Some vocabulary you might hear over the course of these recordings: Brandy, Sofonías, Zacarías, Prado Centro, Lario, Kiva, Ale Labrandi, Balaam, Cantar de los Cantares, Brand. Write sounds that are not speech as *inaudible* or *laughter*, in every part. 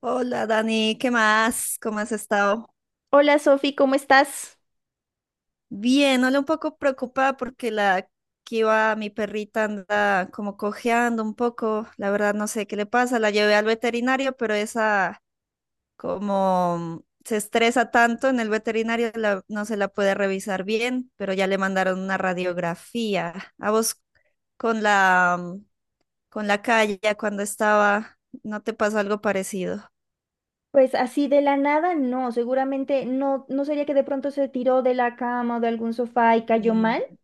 Hola Dani, ¿qué más? ¿Cómo has estado? Hola Sofi, ¿cómo estás? Bien, hola, un poco preocupada porque la Kiva, mi perrita, anda como cojeando un poco. La verdad no sé qué le pasa. La llevé al veterinario, pero esa como se estresa tanto en el veterinario, no se la puede revisar bien, pero ya le mandaron una radiografía. A vos con la con la calle cuando estaba, ¿no te pasó algo parecido? Pues así de la nada, no, seguramente no, no sería que de pronto se tiró de la cama o de algún sofá y cayó mal. Mm.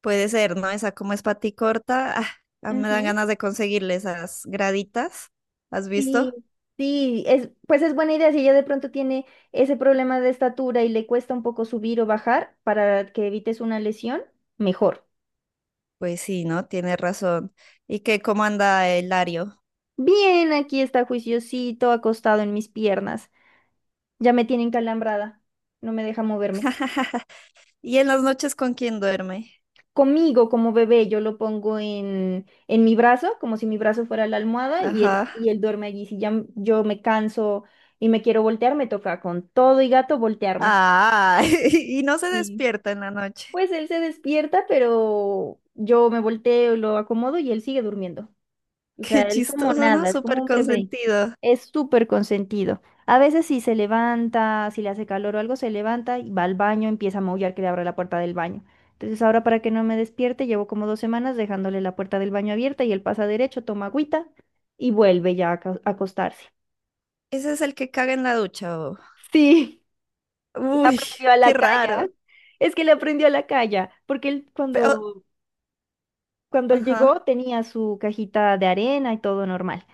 Puede ser, ¿no? Esa como es pati corta, ah, me dan Ujú. ganas de conseguirle esas graditas. ¿Has Sí, visto? sí, pues es buena idea si ella de pronto tiene ese problema de estatura y le cuesta un poco subir o bajar para que evites una lesión, mejor. Pues sí, ¿no? Tienes razón. ¿Y qué, cómo anda el Lario? Bien, aquí está juiciosito acostado en mis piernas. Ya me tiene encalambrada, no me deja moverme. ¿Y en las noches con quién duerme? Conmigo como bebé, yo lo pongo en mi brazo, como si mi brazo fuera la almohada y él, Ajá. y él duerme allí. Si ya yo me canso y me quiero voltear, me toca con todo y gato voltearme. Ah, *laughs* y no se Sí. despierta en la noche. Pues él *laughs* se despierta, pero yo me volteo, lo acomodo y él sigue durmiendo. O sea, Qué él como chistoso, ¿no? nada, es como Súper un bebé. consentido. Es súper consentido. A veces si se levanta, si le hace calor o algo, se levanta y va al baño, empieza a maullar que le abra la puerta del baño. Entonces ahora para que no me despierte, llevo como 2 semanas dejándole la puerta del baño abierta y él pasa derecho, toma agüita y vuelve ya a acostarse. Ese es el que caga en la ducha, ¿o? Sí, *laughs* le Uy, aprendió a qué la raro. calle. Es que le aprendió a la calle, porque él Pero, cuando Cuando él llegó ajá. tenía su cajita de arena y todo normal,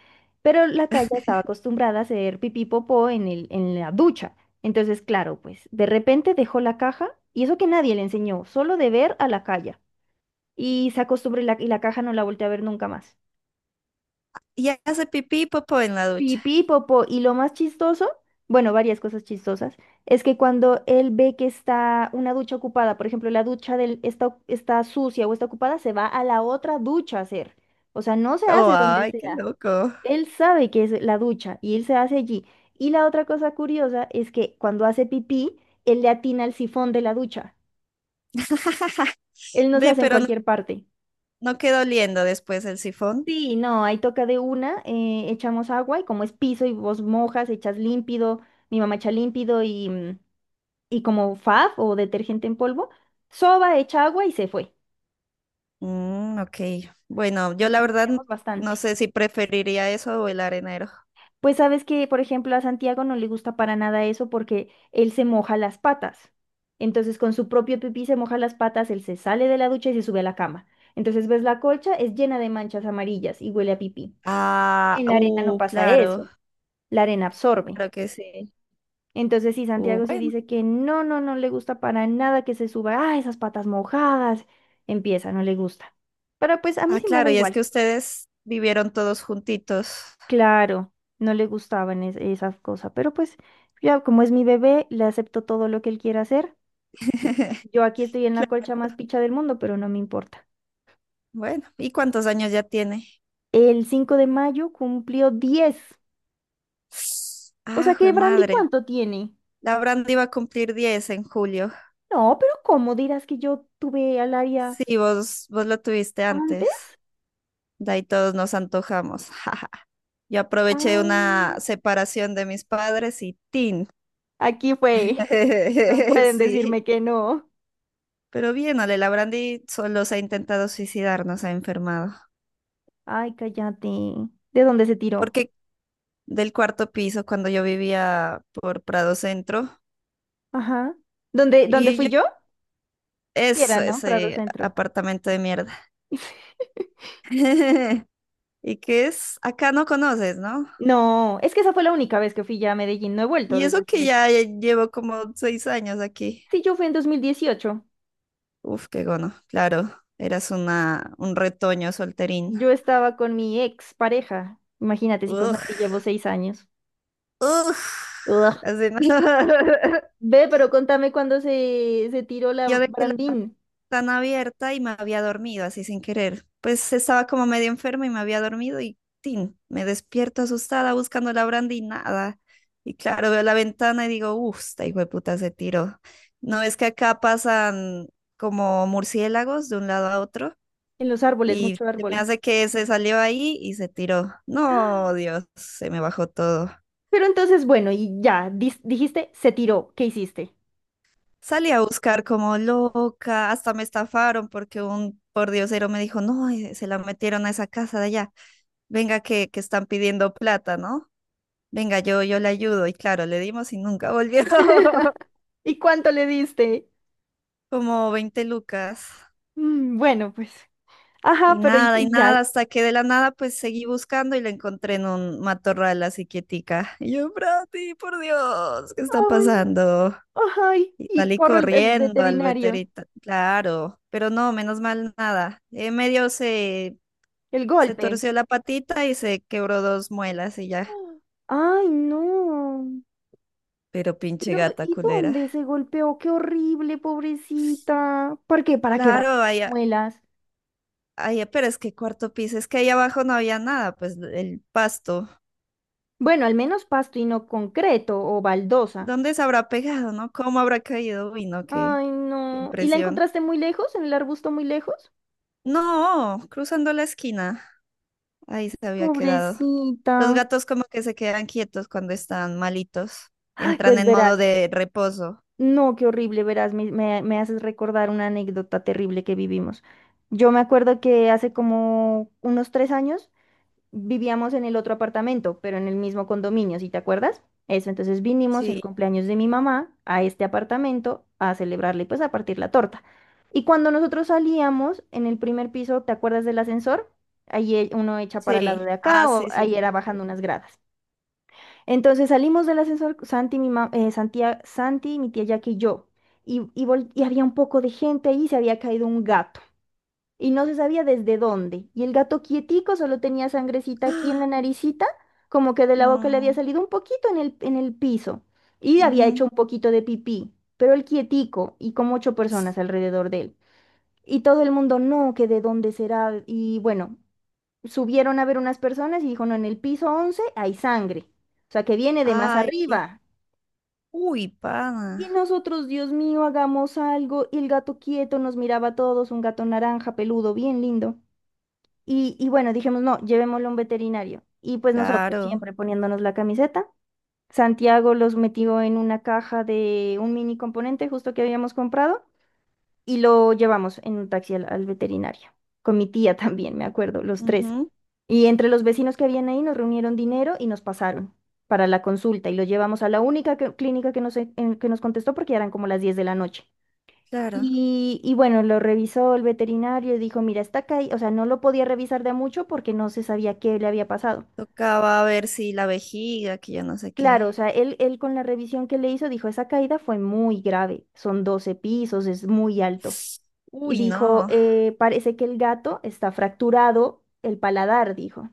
pero la calle estaba acostumbrada a hacer pipí popó en la ducha. Entonces, claro, pues de repente dejó la caja y eso que nadie le enseñó, solo de ver a la calle. Y se acostumbró y la caja no la volteó a ver nunca más. Y hace pipí y popó en la ducha. Pipí popó. Y lo más chistoso, bueno, varias cosas chistosas, es que cuando él ve que está una ducha ocupada, por ejemplo, la ducha está sucia o está ocupada, se va a la otra ducha a hacer. O sea, no se Oh, hace donde ay, qué sea. loco. Él sabe que es la ducha y él se hace allí. Y la otra cosa curiosa es que cuando hace pipí, él le atina al sifón de la ducha. *laughs* Él no se Ve, hace en pero no cualquier parte. No quedó oliendo después el sifón. Sí, no, ahí toca de una, echamos agua y como es piso y vos mojas, echas límpido, mi mamá echa límpido y como fab o detergente en polvo, soba, echa agua y se fue. Mm, ok. Bueno, yo la verdad Limpiamos bastante. no sé si preferiría eso o el arenero. Pues sabes que, por ejemplo, a Santiago no le gusta para nada eso porque él se moja las patas. Entonces, con su propio pipí se moja las patas, él se sale de la ducha y se sube a la cama. Entonces, ves la colcha, es llena de manchas amarillas y huele a pipí. Ah, En la arena no pasa claro, eso, la arena absorbe. claro que sí. Entonces, sí, Santiago sí Bueno. dice que no, no, no le gusta para nada que se suba, ah, esas patas mojadas, empieza, no le gusta. Pero pues a mí Ah, sí me da claro, y es que igual. ustedes vivieron todos juntitos. Claro, no le gustaban esas cosas, pero pues ya como es mi bebé, le acepto todo lo que él quiera hacer. *laughs* Yo aquí estoy en la Claro. colcha más picha del mundo, pero no me importa. Bueno, ¿y cuántos años ya tiene? El 5 de mayo cumplió 10. O sea Ah, que jue Brandy, madre. ¿cuánto tiene? La Brand iba a cumplir 10 en julio. No, pero ¿cómo dirás que yo tuve al área Sí, vos lo tuviste antes. antes? De ahí todos nos antojamos. *laughs* jaja. Yo aproveché Ay, una separación de mis padres y ¡tin! aquí fue. No *laughs* pueden Sí. decirme que no. Pero bien, Ale Labrandi solo se ha intentado suicidar, no se ha enfermado. Ay, cállate. ¿De dónde se tiró? Porque del cuarto piso, cuando yo vivía por Prado Centro, Ajá. ¿Dónde y fui yo, yo? Sí. Era, eso, ¿no? Prado ese Centro. apartamento de mierda. *laughs* *laughs* Y que es, acá no conoces, ¿no? No, es que esa fue la única vez que fui ya a Medellín, no he vuelto Y desde eso esa que vez. ya llevo como 6 años aquí. Sí, yo fui en 2018. Uf, qué gono. Claro, eras una, un retoño solterín. Yo estaba con mi ex pareja, imagínate si con Santi Uf, llevo 6 años. uf. Ugh. Así no. *laughs* Ve, pero contame cuando se tiró Yo la dejé la Brandín ventana abierta y me había dormido así sin querer. Pues estaba como medio enferma y me había dormido y tin, me despierto asustada buscando la brandy y nada. Y claro, veo la ventana y digo, uf, esta hijo de puta se tiró. No es que acá pasan como murciélagos de un lado a otro. en los árboles, Y mucho se me árbol. hace que se salió ahí y se tiró. No, Dios, se me bajó todo. Pero entonces, bueno, y ya, dijiste, se tiró, ¿qué hiciste? Salí a buscar como loca, hasta me estafaron porque un pordiosero me dijo, no, se la metieron a esa casa de allá. Venga que están pidiendo plata, ¿no? Venga, yo le ayudo. Y claro, le dimos y nunca volvió. *laughs* *laughs* ¿Y cuánto le diste? Como 20 lucas. Mm, bueno, pues, ajá, pero y, Y y ya. nada, Ay, hasta que de la nada pues seguí buscando y la encontré en un matorral así quietica. Y yo, Brati, por Dios, ¿qué está pasando? ay, Y y salí corre el corriendo al veterinario, veterinario, claro, pero no, menos mal nada. Medio se, el se golpe. torció la patita y se quebró dos muelas y ya. Ay, no. Pero pinche Pero, gata ¿y culera. dónde se golpeó? Qué horrible, pobrecita. ¿Por qué? Para quebrar Claro, las allá, muelas. allá, pero es que cuarto piso, es que ahí abajo no había nada, pues el pasto. Bueno, al menos pasto y no concreto o baldosa. ¿Dónde se habrá pegado, no? ¿Cómo habrá caído? Uy, no, qué Ay, no. ¿Y la impresión. encontraste muy lejos? ¿En el arbusto muy lejos? No, cruzando la esquina. Ahí se había quedado. Los Pobrecita. gatos como que se quedan quietos cuando están malitos. Ay, Entran pues en modo verás. de reposo. No, qué horrible, verás. Me haces recordar una anécdota terrible que vivimos. Yo me acuerdo que hace como unos 3 años vivíamos en el otro apartamento, pero en el mismo condominio, ¿sí te acuerdas? Eso, entonces vinimos el Sí, cumpleaños de mi mamá a este apartamento a celebrarle, pues a partir la torta. Y cuando nosotros salíamos en el primer piso, ¿te acuerdas del ascensor? Ahí uno echa para el lado sí. de Ah, acá o sí, sí, ahí sí. era bajando Sí. unas gradas. Entonces salimos del ascensor, Santi, mi tía Jackie y yo. Y había un poco de gente ahí y se había caído un gato y no se sabía desde dónde. Y el gato quietico solo tenía sangrecita aquí en *gasps* la naricita, como que de la boca le había Mm, salido un poquito en el piso y había hecho ujú. un poquito de pipí, pero el quietico y como ocho personas alrededor de él. Y todo el mundo, no, que de dónde será. Y bueno, subieron a ver unas personas y dijo, no, en el piso 11 hay sangre, o sea que viene de más Ay, arriba. uy, Y pana. nosotros, Dios mío, hagamos algo. Y el gato quieto nos miraba a todos, un gato naranja, peludo, bien lindo. Y bueno, dijimos, no, llevémoslo a un veterinario. Y pues nosotros, Claro. siempre poniéndonos la camiseta, Santiago los metió en una caja de un mini componente justo que habíamos comprado y lo llevamos en un taxi al veterinario, con mi tía *laughs* también, me acuerdo, los tres. Ujú, Y entre los vecinos que habían ahí nos reunieron dinero y nos pasaron para la consulta y lo llevamos a la única clínica que nos, que nos contestó porque ya eran como las 10 de la noche. claro. Y bueno, lo revisó el veterinario y dijo, mira, está caído, o sea, no lo podía revisar de a mucho porque no se sabía qué le había pasado. Tocaba ver si la vejiga, que yo no sé Claro, qué. o sea, él con la revisión que le hizo dijo, esa caída fue muy grave, son 12 pisos, es muy alto. *gasps* Y Uy, dijo, no. Parece que el gato está fracturado el paladar, dijo.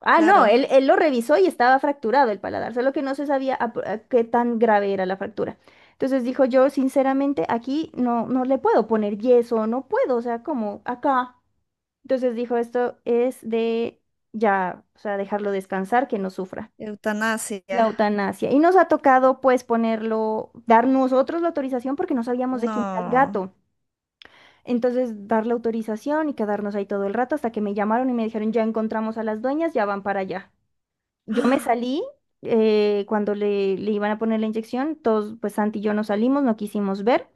Ah, no, Claro. él lo revisó y estaba fracturado el paladar, solo que no se sabía a qué tan grave era la fractura. Entonces dijo yo, sinceramente, aquí no, no le puedo poner yeso, no puedo, o sea, como acá. Entonces dijo, esto es de ya, o sea, dejarlo descansar, que no sufra. Eutanasia. La eutanasia. Y nos ha tocado pues ponerlo, dar nosotros la autorización porque no sabíamos de quién era el No. gato. Entonces dar la autorización y quedarnos ahí todo el rato hasta que me llamaron y me dijeron, ya encontramos a las dueñas, ya van para allá. *gasps* Yo me ¡Ah! salí cuando le iban a poner la inyección, todos pues Santi y yo nos salimos, no quisimos ver.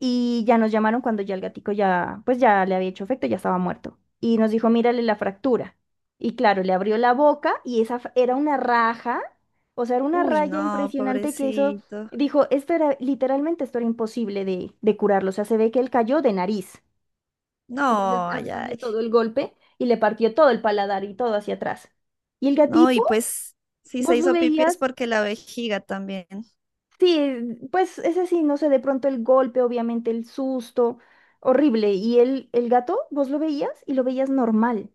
Y ya nos llamaron cuando ya el gatico ya, pues ya le había hecho efecto, ya estaba muerto. Y nos dijo, mírale la fractura. Y claro, le abrió la boca y esa era una raja, o sea, era una Uy, raya no, impresionante que eso, pobrecito. dijo, esto era, literalmente esto era imposible de curarlo. O sea, se ve que él cayó de nariz. Entonces No, ay, absorbió ay. todo el golpe y le partió todo el paladar y todo hacia atrás. Y el No, y gatico, pues si se vos lo hizo pipí es veías. porque la vejiga también. Sí, pues es así, no sé, de pronto el golpe, obviamente el susto, horrible. Y el gato, vos lo veías y lo veías normal.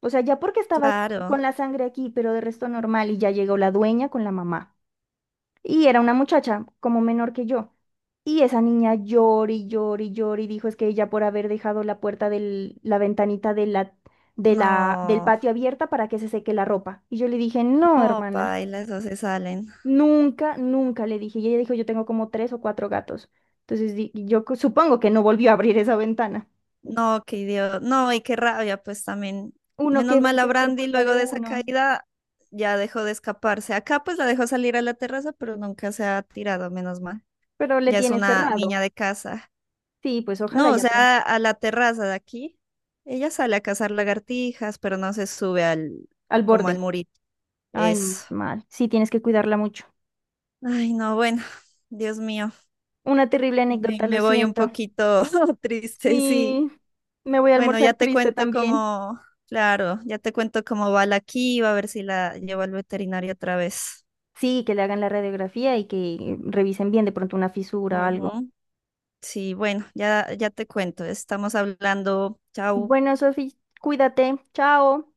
O sea, ya porque estaba Claro, con la sangre aquí, pero de resto normal. Y ya llegó la dueña con la mamá. Y era una muchacha como menor que yo. Y esa niña llora y llora y llora y dijo es que ella por haber dejado la puerta del, la ventanita del no, patio abierta para que se seque la ropa. Y yo le dije, no, no, hermana. paila, eso se salen. Nunca, nunca le dije. Y ella dijo, yo tengo como tres o cuatro gatos. Entonces supongo que no volvió a abrir esa ventana. No, qué idiota, no, y qué rabia, pues también. Uno que Menos mal ver que a es por Brandy culpa luego de de esa uno, caída ya dejó de escaparse. Acá pues la dejó salir a la terraza, pero nunca se ha tirado, menos mal. pero le Ya es tiene una cerrado. niña de casa. Sí, pues ojalá No, o ya aprenda. sea, a la terraza de aquí. Ella sale a cazar lagartijas, pero no se sube al, Al como borde. al murito. Ay, menos Eso. mal. Sí, tienes que cuidarla mucho. Ay, no, bueno, Dios mío, Una terrible me, anécdota, lo me voy un siento. poquito *laughs* triste, sí. Sí, me voy a Bueno, almorzar ya te triste cuento también. cómo, claro, ya te cuento cómo va la Kiva, a ver si la llevo al veterinario otra vez. Sí, que le hagan la radiografía y que revisen bien de pronto una fisura o algo. Ujú. Sí, bueno, ya te cuento, estamos hablando, chao. Bueno, Sofi, cuídate. Chao.